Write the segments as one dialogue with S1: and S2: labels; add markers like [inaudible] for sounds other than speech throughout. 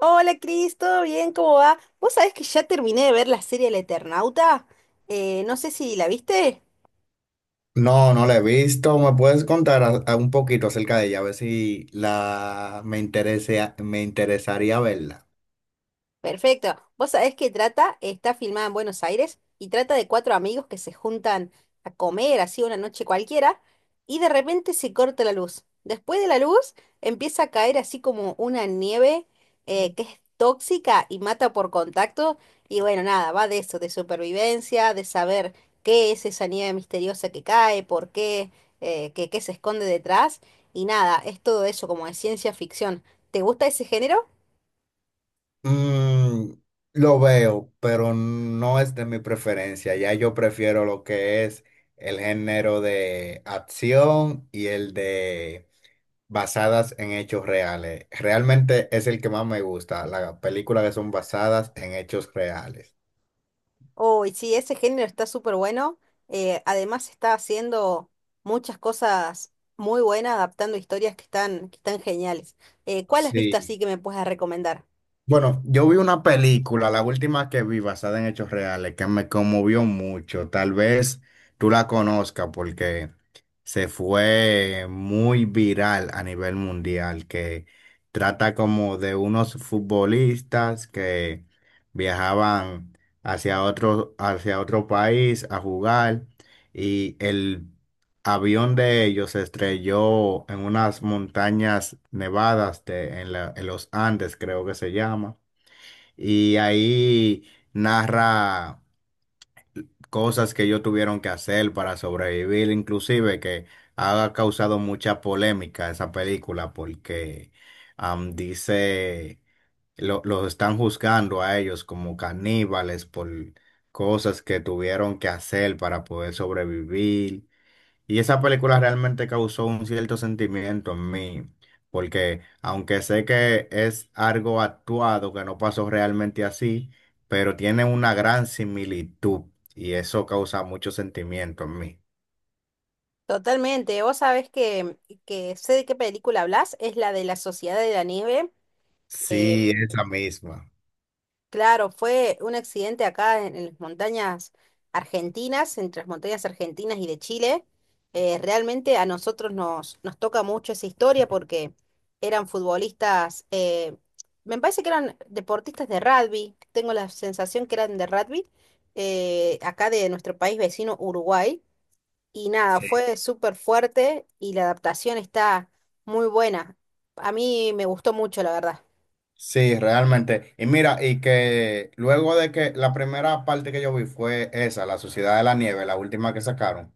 S1: Hola Cris, ¿todo bien? ¿Cómo va? Vos sabés que ya terminé de ver la serie El Eternauta. No sé si la viste.
S2: No, no la he visto. ¿Me puedes contar a un poquito acerca de ella? A ver si me interesaría verla.
S1: Perfecto. Vos sabés que trata, está filmada en Buenos Aires y trata de cuatro amigos que se juntan a comer así una noche cualquiera y de repente se corta la luz. Después de la luz empieza a caer así como una nieve que es tóxica y mata por contacto y bueno, nada, va de eso, de supervivencia, de saber qué es esa nieve misteriosa que cae, por qué, qué se esconde detrás y nada, es todo eso como de ciencia ficción. ¿Te gusta ese género?
S2: Mm, lo veo, pero no es de mi preferencia. Ya yo prefiero lo que es el género de acción y el de basadas en hechos reales. Realmente es el que más me gusta, las películas que son basadas en hechos reales.
S1: Uy, sí, ese género está súper bueno. Además, está haciendo muchas cosas muy buenas, adaptando historias que están, geniales. ¿Cuál has visto
S2: Sí.
S1: así que me puedas recomendar?
S2: Bueno, yo vi una película, la última que vi basada en hechos reales, que me conmovió mucho. Tal vez tú la conozcas porque se fue muy viral a nivel mundial, que trata como de unos futbolistas que viajaban hacia otro país a jugar, y el avión de ellos se estrelló en unas montañas nevadas en los Andes, creo que se llama. Y ahí narra cosas que ellos tuvieron que hacer para sobrevivir, inclusive que ha causado mucha polémica esa película porque dice, los están juzgando a ellos como caníbales por cosas que tuvieron que hacer para poder sobrevivir. Y esa película realmente causó un cierto sentimiento en mí, porque aunque sé que es algo actuado, que no pasó realmente así, pero tiene una gran similitud y eso causa mucho sentimiento en mí.
S1: Totalmente, vos sabés que sé de qué película hablas, es la de La Sociedad de la Nieve.
S2: Sí, esa misma.
S1: Claro, fue un accidente acá en, las montañas argentinas, entre las montañas argentinas y de Chile. Realmente a nosotros nos toca mucho esa historia porque eran futbolistas, me parece que eran deportistas de rugby, tengo la sensación que eran de rugby, acá de nuestro país vecino Uruguay. Y nada,
S2: Sí.
S1: fue súper fuerte y la adaptación está muy buena. A mí me gustó mucho, la verdad.
S2: Sí, realmente. Y mira, y que luego de que la primera parte que yo vi fue esa, La Sociedad de la Nieve, la última que sacaron.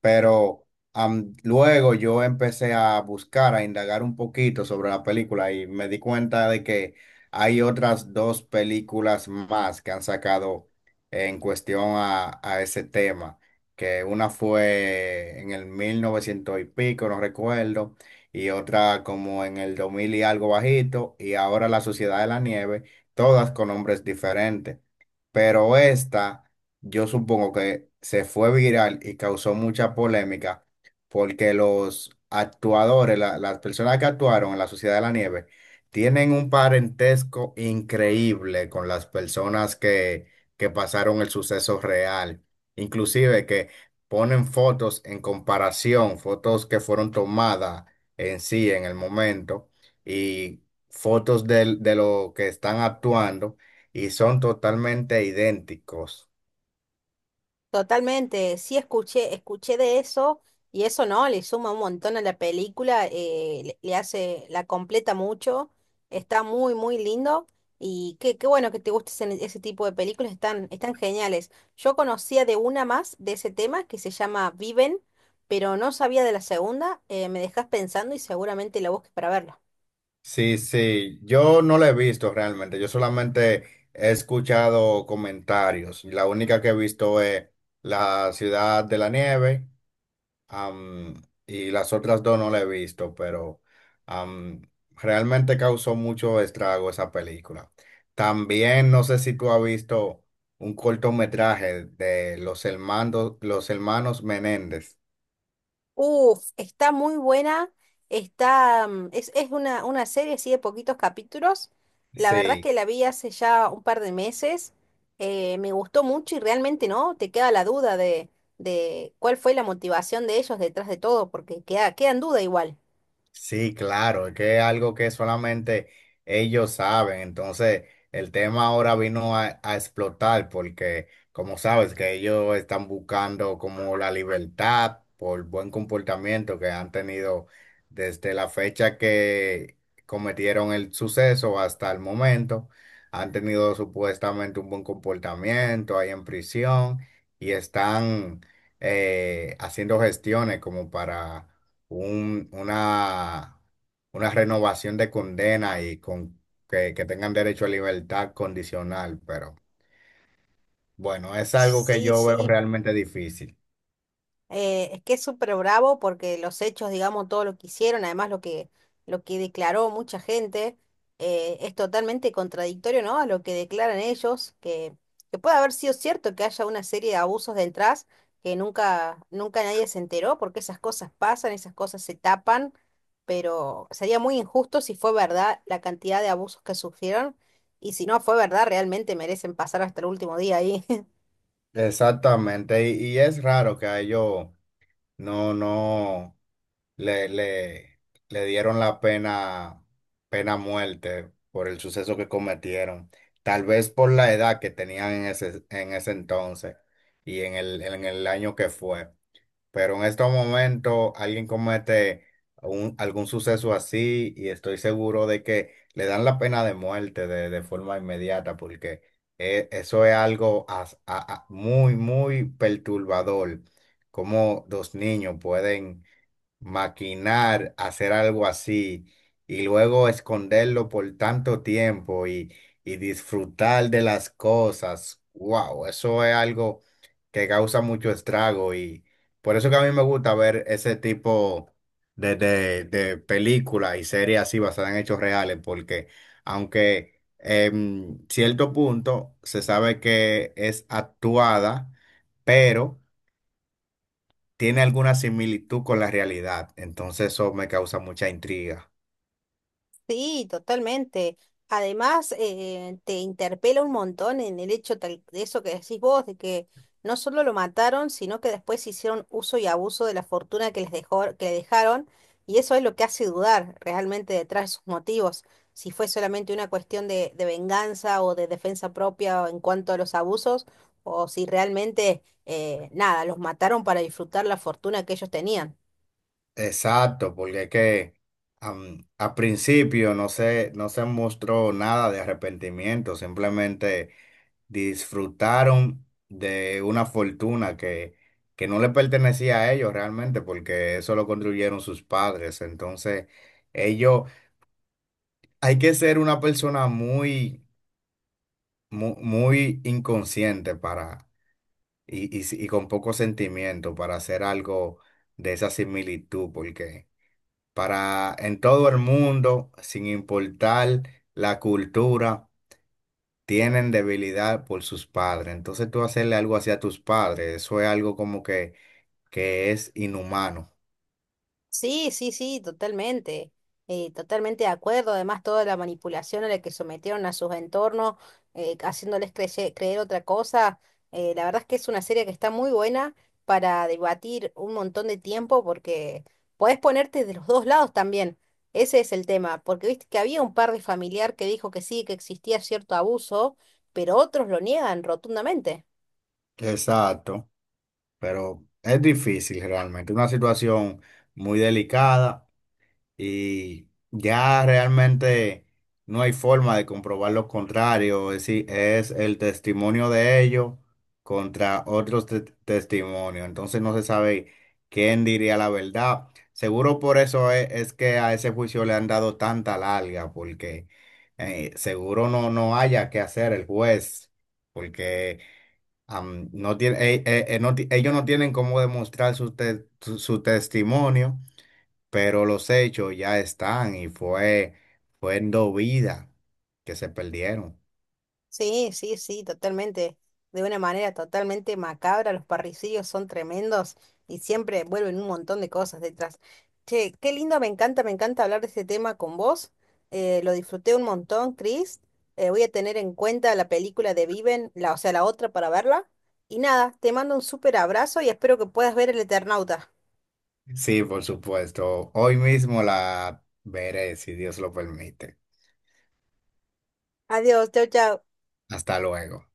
S2: Pero luego yo empecé a buscar, a indagar un poquito sobre la película y me di cuenta de que hay otras dos películas más que han sacado en cuestión a ese tema, que una fue en el 1900 y pico, no recuerdo, y otra como en el 2000 y algo bajito, y ahora la Sociedad de la Nieve, todas con nombres diferentes. Pero esta, yo supongo que se fue viral y causó mucha polémica porque los actuadores, las personas que actuaron en la Sociedad de la Nieve, tienen un parentesco increíble con las personas que pasaron el suceso real. Inclusive que ponen fotos en comparación, fotos que fueron tomadas en sí, en el momento, y fotos de lo que están actuando y son totalmente idénticos.
S1: Totalmente, sí escuché de eso y eso no, le suma un montón a la película, le, hace, la completa mucho, está muy, muy lindo y qué, bueno que te guste ese, tipo de películas, están geniales. Yo conocía de una más de ese tema que se llama Viven, pero no sabía de la segunda, me dejas pensando y seguramente la busques para verla.
S2: Sí, sí, yo no la he visto realmente, yo solamente he escuchado comentarios. La única que he visto es La Ciudad de la Nieve. Am, y las otras dos no la he visto, pero am, realmente causó mucho estrago esa película. También no sé si tú has visto un cortometraje de los hermanos Menéndez.
S1: Uf, está muy buena. Está, es, una serie así de poquitos capítulos. La verdad
S2: Sí.
S1: que la vi hace ya un par de meses. Me gustó mucho y realmente no, te queda la duda de, cuál fue la motivación de ellos detrás de todo, porque queda en duda igual.
S2: Sí, claro, es que es algo que solamente ellos saben. Entonces, el tema ahora vino a explotar porque, como sabes, que ellos están buscando como la libertad por buen comportamiento que han tenido desde la fecha que cometieron el suceso hasta el momento. Han tenido supuestamente un buen comportamiento ahí en prisión, y están haciendo gestiones como para un- una, una renovación de condena, y con que tengan derecho a libertad condicional, pero bueno, es algo que
S1: Sí,
S2: yo veo
S1: sí.
S2: realmente difícil.
S1: Es que es súper bravo porque los hechos, digamos, todo lo que hicieron, además lo que, declaró mucha gente, es totalmente contradictorio, ¿no? A lo que declaran ellos, que puede haber sido cierto que haya una serie de abusos detrás que nunca, nunca nadie se enteró, porque esas cosas pasan, esas cosas se tapan, pero sería muy injusto si fue verdad la cantidad de abusos que sufrieron, y si no fue verdad, realmente merecen pasar hasta el último día ahí. [laughs]
S2: Exactamente, y es raro que a ellos no le, le, le dieron la pena muerte por el suceso que cometieron, tal vez por la edad que tenían en ese entonces y en el año que fue. Pero en estos momentos alguien comete algún suceso así y estoy seguro de que le dan la pena de muerte de forma inmediata porque eso es algo muy, muy perturbador, como dos niños pueden maquinar, hacer algo así y luego esconderlo por tanto tiempo y disfrutar de las cosas. Wow, eso es algo que causa mucho estrago y por eso que a mí me gusta ver ese tipo de películas y series así basadas en hechos reales porque aunque en cierto punto se sabe que es actuada, pero tiene alguna similitud con la realidad, entonces eso me causa mucha intriga.
S1: Sí, totalmente. Además, te interpela un montón en el hecho de eso que decís vos, de que no solo lo mataron, sino que después hicieron uso y abuso de la fortuna que les dejó, que le dejaron, y eso es lo que hace dudar realmente detrás de sus motivos, si fue solamente una cuestión de venganza o de defensa propia en cuanto a los abusos, o si realmente, nada, los mataron para disfrutar la fortuna que ellos tenían.
S2: Exacto, porque es que al principio no se mostró nada de arrepentimiento, simplemente disfrutaron de una fortuna que no le pertenecía a ellos realmente, porque eso lo construyeron sus padres. Entonces, ellos, hay que ser una persona muy, inconsciente para, y si- y con poco sentimiento para hacer algo de esa similitud, porque para en todo el mundo, sin importar la cultura, tienen debilidad por sus padres. Entonces tú hacerle algo así a tus padres, eso es algo como que es inhumano.
S1: Sí, sí, sí, totalmente. Totalmente de acuerdo. Además, toda la manipulación a la que sometieron a sus entornos, haciéndoles creer otra cosa. La verdad es que es una serie que está muy buena para debatir un montón de tiempo porque podés ponerte de los dos lados también. Ese es el tema. Porque viste que había un par de familiar que dijo que sí, que existía cierto abuso, pero otros lo niegan rotundamente.
S2: Exacto, pero es difícil realmente, una situación muy delicada. Y ya realmente no hay forma de comprobar lo contrario, es decir, es el testimonio de ellos contra otros testimonios, entonces no se sabe quién diría la verdad. Seguro por eso es que a ese juicio le han dado tanta larga, porque seguro no haya que hacer el juez, porque no tiene, ellos no tienen cómo demostrar su, te- su su testimonio, pero los hechos ya están y fueron vidas que se perdieron.
S1: Sí, sí, sí, totalmente. De una manera totalmente macabra, los parricidios son tremendos y siempre vuelven un montón de cosas detrás. Che, qué lindo, me encanta hablar de este tema con vos. Lo disfruté un montón, Chris. Voy a tener en cuenta la película de Viven, la, o sea, la otra para verla. Y nada, te mando un súper abrazo y espero que puedas ver El Eternauta.
S2: Sí, por supuesto. Hoy mismo la veré, si Dios lo permite.
S1: Adiós, chau, chau.
S2: Hasta luego.